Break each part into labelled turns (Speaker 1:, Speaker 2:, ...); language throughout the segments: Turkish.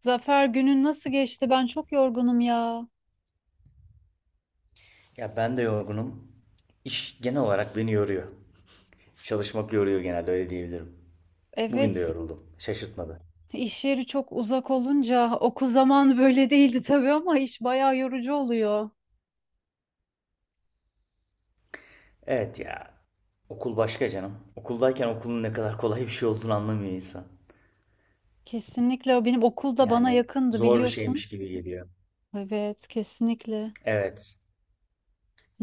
Speaker 1: Zafer, günün nasıl geçti? Ben çok yorgunum ya.
Speaker 2: Ya ben de yorgunum. İş genel olarak beni yoruyor. Çalışmak yoruyor, genelde öyle diyebilirim. Bugün de
Speaker 1: Evet,
Speaker 2: yoruldum. Şaşırtmadı.
Speaker 1: iş yeri çok uzak olunca okul zamanı böyle değildi tabii ama iş bayağı yorucu oluyor.
Speaker 2: Evet ya. Okul başka canım. Okuldayken okulun ne kadar kolay bir şey olduğunu anlamıyor insan.
Speaker 1: Kesinlikle, benim okul da bana
Speaker 2: Yani
Speaker 1: yakındı
Speaker 2: zor bir
Speaker 1: biliyorsun.
Speaker 2: şeymiş gibi geliyor.
Speaker 1: Evet, kesinlikle.
Speaker 2: Evet.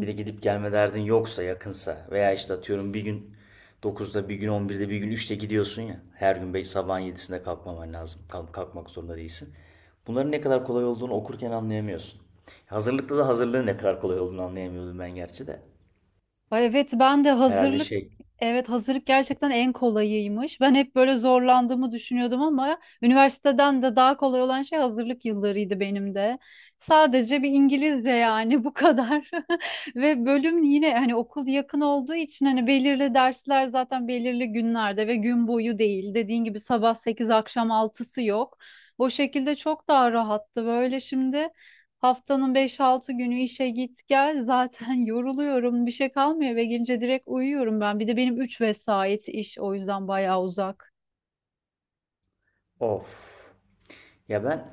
Speaker 2: Bir de gidip gelme derdin yoksa, yakınsa veya işte atıyorum bir gün 9'da, bir gün 11'de, bir gün 3'te gidiyorsun ya. Her gün belki sabahın 7'sinde kalkmaman lazım. Kalkmak zorunda değilsin. Bunların ne kadar kolay olduğunu okurken anlayamıyorsun. Hazırlıkta da hazırlığın ne kadar kolay olduğunu anlayamıyordum ben gerçi de.
Speaker 1: Ay, evet ben de
Speaker 2: Herhalde
Speaker 1: hazırlık,
Speaker 2: şey,
Speaker 1: evet hazırlık gerçekten en kolayıymış. Ben hep böyle zorlandığımı düşünüyordum ama üniversiteden de daha kolay olan şey hazırlık yıllarıydı benim de. Sadece bir İngilizce, yani bu kadar. Ve bölüm yine, hani okul yakın olduğu için, hani belirli dersler zaten belirli günlerde ve gün boyu değil. Dediğin gibi sabah 8 akşam altısı yok. O şekilde çok daha rahattı böyle şimdi. Haftanın beş altı günü işe git gel zaten, yoruluyorum, bir şey kalmıyor, eve gelince direkt uyuyorum ben, bir de benim 3 vesait iş, o yüzden bayağı uzak.
Speaker 2: of. Ya ben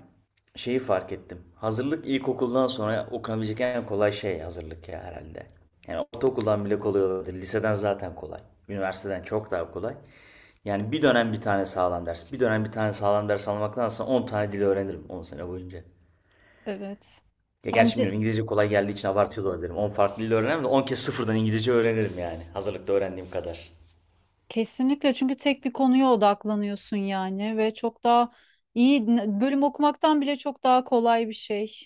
Speaker 2: şeyi fark ettim. Hazırlık ilkokuldan sonra okunabilecek en kolay şey hazırlık ya herhalde. Yani ortaokuldan bile kolay olabilir. Liseden zaten kolay. Üniversiteden çok daha kolay. Yani bir dönem bir tane sağlam ders. Bir dönem bir tane sağlam ders almaktansa 10 tane dil öğrenirim 10 sene boyunca.
Speaker 1: Evet,
Speaker 2: Ya
Speaker 1: hem
Speaker 2: gerçi
Speaker 1: de
Speaker 2: bilmiyorum, İngilizce kolay geldiği için abartıyor da olabilirim. 10 farklı dil öğrenirim de 10 kez sıfırdan İngilizce öğrenirim yani. Hazırlıkta öğrendiğim kadar.
Speaker 1: kesinlikle, çünkü tek bir konuya odaklanıyorsun yani ve çok daha iyi, bölüm okumaktan bile çok daha kolay bir şey.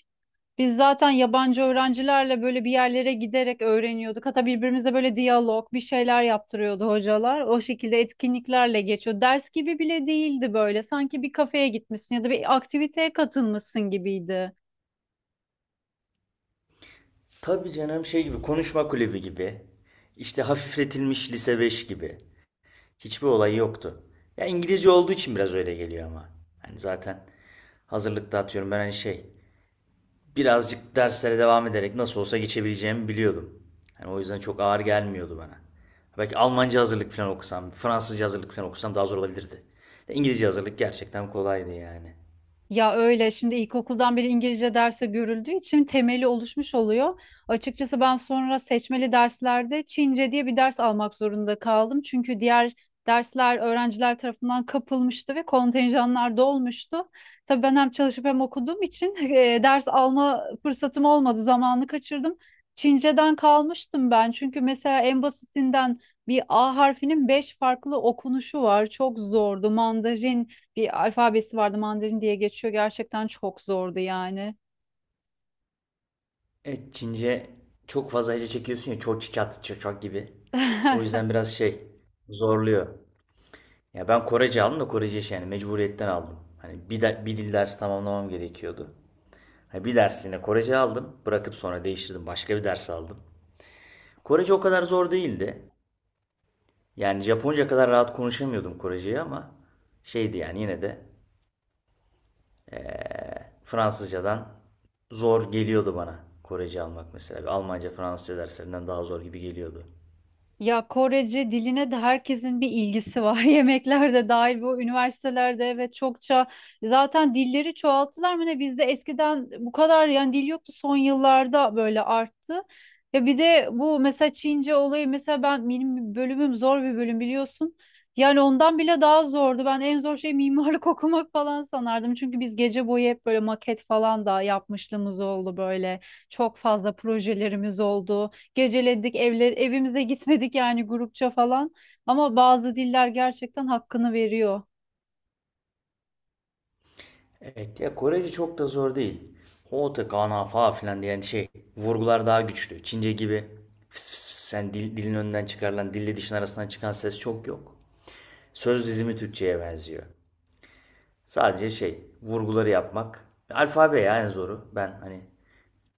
Speaker 1: Biz zaten yabancı öğrencilerle böyle bir yerlere giderek öğreniyorduk. Hatta birbirimize böyle diyalog, bir şeyler yaptırıyordu hocalar. O şekilde etkinliklerle geçiyor. Ders gibi bile değildi böyle. Sanki bir kafeye gitmişsin ya da bir aktiviteye katılmışsın gibiydi.
Speaker 2: Tabii canım, şey gibi, konuşma kulübü gibi. İşte hafifletilmiş lise 5 gibi. Hiçbir olayı yoktu. Ya İngilizce olduğu için biraz öyle geliyor ama. Hani zaten hazırlıkta atıyorum ben hani şey, birazcık derslere devam ederek nasıl olsa geçebileceğimi biliyordum. Yani o yüzden çok ağır gelmiyordu bana. Belki Almanca hazırlık falan okusam, Fransızca hazırlık falan okusam daha zor olabilirdi. İngilizce hazırlık gerçekten kolaydı yani.
Speaker 1: Ya öyle, şimdi ilkokuldan beri İngilizce derse görüldüğü için temeli oluşmuş oluyor. Açıkçası ben sonra seçmeli derslerde Çince diye bir ders almak zorunda kaldım. Çünkü diğer dersler öğrenciler tarafından kapılmıştı ve kontenjanlar dolmuştu. Tabii ben hem çalışıp hem okuduğum için ders alma fırsatım olmadı, zamanı kaçırdım. Çince'den kalmıştım ben. Çünkü mesela en basitinden bir A harfinin beş farklı okunuşu var. Çok zordu. Mandarin, bir alfabesi vardı, Mandarin diye geçiyor. Gerçekten çok zordu yani.
Speaker 2: Evet, Çince çok fazla hece çekiyorsun ya, çok çiçat çiçak gibi. O yüzden biraz şey, zorluyor. Ya ben Korece aldım da, Korece iş yani mecburiyetten aldım. Hani bir dil dersi tamamlamam gerekiyordu. Hani bir dersliğine Korece aldım. Bırakıp sonra değiştirdim. Başka bir ders aldım. Korece o kadar zor değildi. Yani Japonca kadar rahat konuşamıyordum Korece'yi ama şeydi yani, yine de Fransızcadan zor geliyordu bana Korece almak mesela. Bir Almanca, Fransızca derslerinden daha zor gibi geliyordu.
Speaker 1: Ya Korece diline de herkesin bir ilgisi var. Yemekler de dahil bu üniversitelerde, evet çokça zaten dilleri çoğalttılar mı ne, bizde eskiden bu kadar yani dil yoktu, son yıllarda böyle arttı. Ya bir de bu mesela Çince olayı, mesela ben, benim bölümüm zor bir bölüm biliyorsun. Yani ondan bile daha zordu. Ben en zor şey mimarlık okumak falan sanardım. Çünkü biz gece boyu hep böyle maket falan da yapmışlığımız oldu böyle. Çok fazla projelerimiz oldu. Geceledik, evimize gitmedik yani grupça falan. Ama bazı diller gerçekten hakkını veriyor.
Speaker 2: Evet ya, Korece çok da zor değil. Hote, kana, fa filan diyen şey, vurgular daha güçlü. Çince gibi fıs fıs fıs yani dilin önünden çıkarılan dille dişin arasından çıkan ses çok yok. Söz dizimi Türkçe'ye benziyor. Sadece şey, vurguları yapmak. Alfabe ya en zoru. Ben hani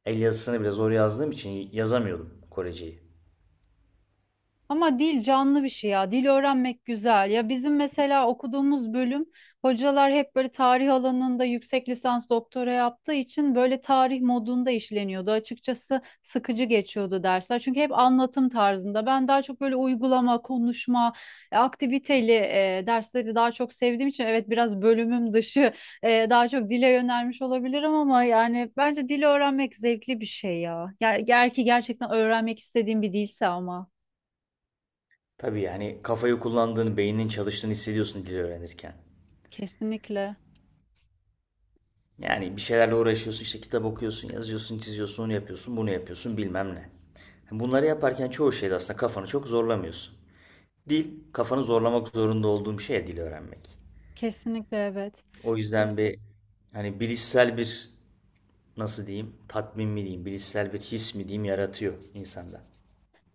Speaker 2: el yazısını bile zor yazdığım için yazamıyordum Koreceyi.
Speaker 1: Ama dil canlı bir şey ya. Dil öğrenmek güzel. Ya bizim mesela okuduğumuz bölüm, hocalar hep böyle tarih alanında yüksek lisans doktora yaptığı için böyle tarih modunda işleniyordu. Açıkçası sıkıcı geçiyordu dersler. Çünkü hep anlatım tarzında. Ben daha çok böyle uygulama, konuşma, aktiviteli dersleri daha çok sevdiğim için, evet biraz bölümüm dışı daha çok dile yönelmiş olabilirim ama yani bence dil öğrenmek zevkli bir şey ya. Eğer ki gerçekten öğrenmek istediğim bir dilse ama.
Speaker 2: Tabii yani kafayı kullandığını, beyninin çalıştığını hissediyorsun dili öğrenirken.
Speaker 1: Kesinlikle.
Speaker 2: Yani bir şeylerle uğraşıyorsun, işte kitap okuyorsun, yazıyorsun, çiziyorsun, onu yapıyorsun, bunu yapıyorsun bilmem ne. Bunları yaparken çoğu şeyde aslında kafanı çok zorlamıyorsun. Dil, kafanı zorlamak zorunda olduğum şey, dil öğrenmek.
Speaker 1: Kesinlikle evet.
Speaker 2: O yüzden bir hani bilişsel bir, nasıl diyeyim, tatmin mi diyeyim, bilişsel bir his mi diyeyim, yaratıyor insanda.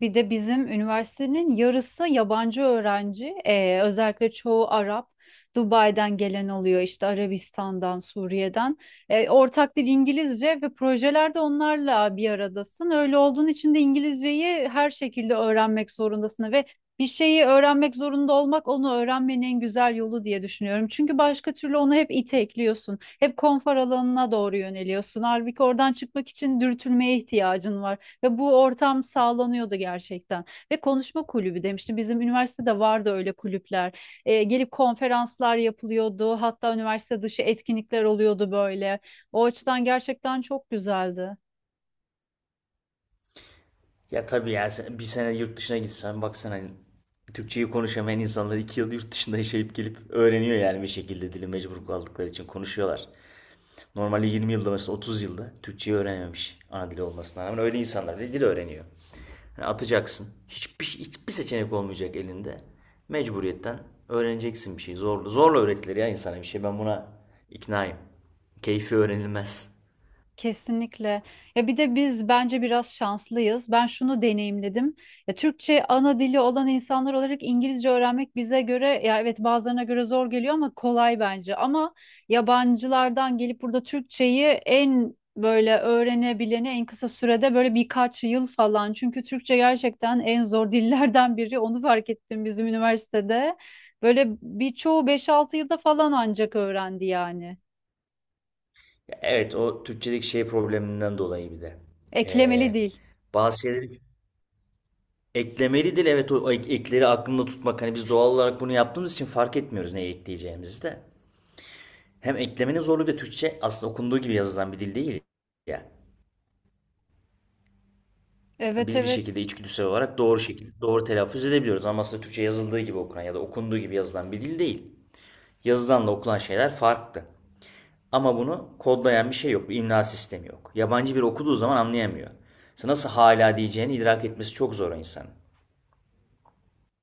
Speaker 1: Bir de bizim üniversitenin yarısı yabancı öğrenci. Özellikle çoğu Arap. Dubai'den gelen oluyor, işte Arabistan'dan, Suriye'den. Ortak dil İngilizce ve projelerde onlarla bir aradasın. Öyle olduğun için de İngilizceyi her şekilde öğrenmek zorundasın ve bir şeyi öğrenmek zorunda olmak, onu öğrenmenin en güzel yolu diye düşünüyorum. Çünkü başka türlü onu hep itekliyorsun. Hep konfor alanına doğru yöneliyorsun. Halbuki oradan çıkmak için dürtülmeye ihtiyacın var. Ve bu ortam sağlanıyordu gerçekten. Ve konuşma kulübü demiştim. Bizim üniversitede vardı öyle kulüpler. Gelip konferanslar yapılıyordu. Hatta üniversite dışı etkinlikler oluyordu böyle. O açıdan gerçekten çok güzeldi.
Speaker 2: Ya tabii ya, bir sene yurt dışına gitsen baksana, hani Türkçeyi konuşamayan insanlar 2 yıl yurt dışında yaşayıp gelip öğreniyor yani, bir şekilde dili mecbur kaldıkları için konuşuyorlar. Normalde 20 yılda mesela, 30 yılda Türkçeyi öğrenememiş, ana dili olmasına rağmen öyle insanlar da dil öğreniyor. Yani atacaksın. Hiçbir seçenek olmayacak elinde. Mecburiyetten öğreneceksin bir şey. Zorla, zorla öğretilir ya insana bir şey. Ben buna iknaayım. Keyfi öğrenilmez.
Speaker 1: Kesinlikle. Ya bir de biz bence biraz şanslıyız. Ben şunu deneyimledim. Ya Türkçe ana dili olan insanlar olarak İngilizce öğrenmek bize göre, ya evet bazılarına göre zor geliyor ama kolay bence. Ama yabancılardan gelip burada Türkçeyi en böyle öğrenebileni en kısa sürede böyle birkaç yıl falan. Çünkü Türkçe gerçekten en zor dillerden biri. Onu fark ettim bizim üniversitede. Böyle birçoğu beş altı yılda falan ancak öğrendi yani.
Speaker 2: Evet, o Türkçedeki şey probleminden dolayı bir de.
Speaker 1: Eklemeli
Speaker 2: Ee,
Speaker 1: dil.
Speaker 2: bazı şeyleri eklemelidir. Evet, o ekleri aklında tutmak. Hani biz doğal olarak bunu yaptığımız için fark etmiyoruz neyi ekleyeceğimizi de. Hem eklemenin zorluğu, bir de Türkçe aslında okunduğu gibi yazılan bir dil değil ya. Ha,
Speaker 1: Evet,
Speaker 2: biz bir
Speaker 1: evet.
Speaker 2: şekilde içgüdüsel olarak doğru şekilde doğru telaffuz edebiliyoruz ama aslında Türkçe yazıldığı gibi okunan ya da okunduğu gibi yazılan bir dil değil. Yazılanla okunan şeyler farklı. Ama bunu kodlayan bir şey yok, bir imla sistemi yok. Yabancı biri okuduğu zaman anlayamıyor. Mesela nasıl hala diyeceğini idrak etmesi çok zor o insanın.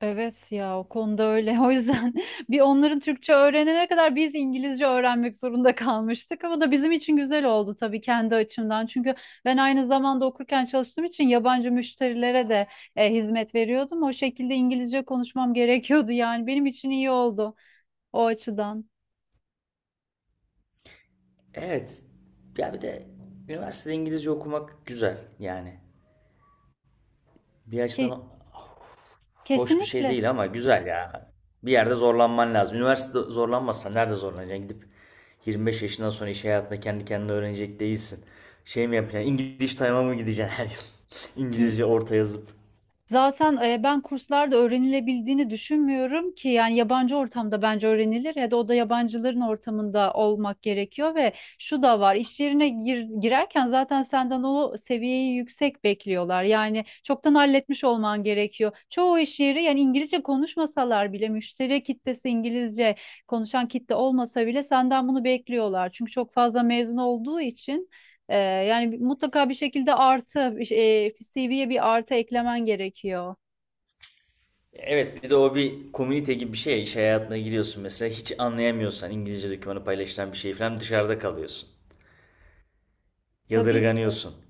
Speaker 1: Evet ya, o konuda öyle. O yüzden bir, onların Türkçe öğrenene kadar biz İngilizce öğrenmek zorunda kalmıştık. Ama da bizim için güzel oldu tabii, kendi açımdan. Çünkü ben aynı zamanda okurken çalıştığım için yabancı müşterilere de hizmet veriyordum. O şekilde İngilizce konuşmam gerekiyordu yani. Benim için iyi oldu o açıdan.
Speaker 2: Evet. Ya bir de üniversitede İngilizce okumak güzel yani. Bir
Speaker 1: Ke-
Speaker 2: açıdan hoş bir şey
Speaker 1: kesinlikle.
Speaker 2: değil ama güzel ya. Bir yerde zorlanman lazım. Üniversite zorlanmazsan nerede zorlanacaksın? Gidip 25 yaşından sonra iş hayatında kendi kendine öğrenecek değilsin. Şey mi yapacaksın? İngiliz time'a mı gideceksin her yıl? İngilizce orta yazıp.
Speaker 1: Zaten ben kurslarda öğrenilebildiğini düşünmüyorum ki, yani yabancı ortamda bence öğrenilir ya da o da yabancıların ortamında olmak gerekiyor ve şu da var, iş yerine girerken zaten senden o seviyeyi yüksek bekliyorlar, yani çoktan halletmiş olman gerekiyor. Çoğu iş yeri yani İngilizce konuşmasalar bile, müşteri kitlesi İngilizce konuşan kitle olmasa bile senden bunu bekliyorlar, çünkü çok fazla mezun olduğu için. Yani mutlaka bir şekilde artı, CV'ye bir artı eklemen gerekiyor.
Speaker 2: Evet, bir de o bir komünite gibi bir şey ya. İş hayatına giriyorsun mesela. Hiç anlayamıyorsan İngilizce dokümanı, paylaşılan bir şey falan, dışarıda kalıyorsun.
Speaker 1: Tabii ki.
Speaker 2: Yadırganıyorsun.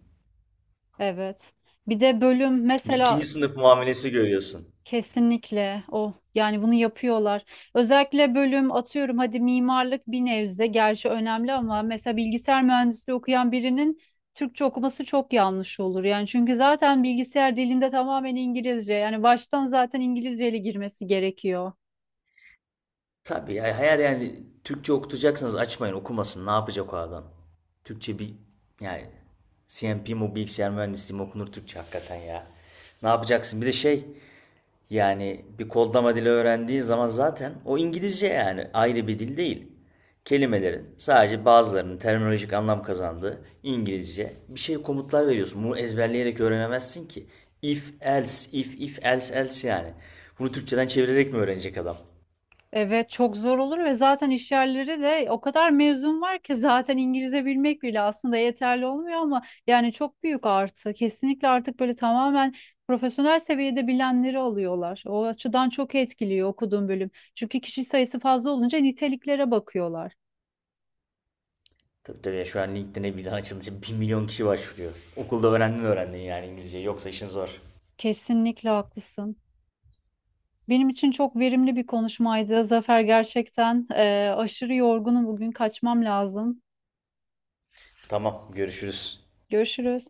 Speaker 1: Evet. Bir de bölüm
Speaker 2: Bir
Speaker 1: mesela
Speaker 2: ikinci sınıf muamelesi görüyorsun.
Speaker 1: kesinlikle o, yani bunu yapıyorlar. Özellikle bölüm, atıyorum hadi mimarlık bir nebze gerçi önemli ama mesela bilgisayar mühendisliği okuyan birinin Türkçe okuması çok yanlış olur. Yani çünkü zaten bilgisayar dilinde tamamen İngilizce. Yani baştan zaten İngilizceyle girmesi gerekiyor.
Speaker 2: Tabii ya, eğer yani Türkçe okutacaksanız açmayın okumasın. Ne yapacak o adam? Türkçe bir yani, CMP mi, bilgisayar mühendisliği mi okunur Türkçe hakikaten ya. Ne yapacaksın? Bir de şey yani, bir kodlama dili öğrendiğin zaman zaten o İngilizce, yani ayrı bir dil değil. Kelimelerin sadece bazılarının terminolojik anlam kazandığı İngilizce bir şey, komutlar veriyorsun. Bunu ezberleyerek öğrenemezsin ki. If else, if if else else yani. Bunu Türkçeden çevirerek mi öğrenecek adam?
Speaker 1: Evet çok zor olur ve zaten iş yerleri de o kadar mezun var ki zaten İngilizce bilmek bile aslında yeterli olmuyor ama yani çok büyük artı. Kesinlikle artık böyle tamamen profesyonel seviyede bilenleri alıyorlar. O açıdan çok etkiliyor okuduğum bölüm. Çünkü kişi sayısı fazla olunca niteliklere bakıyorlar.
Speaker 2: Tabii tabii ya, şu an LinkedIn'e bir daha açılınca 1 milyon kişi başvuruyor. Okulda öğrendin öğrendin yani İngilizceyi, yoksa işin zor.
Speaker 1: Kesinlikle haklısın. Benim için çok verimli bir konuşmaydı. Zafer gerçekten aşırı yorgunum, bugün kaçmam lazım.
Speaker 2: Tamam, görüşürüz.
Speaker 1: Görüşürüz.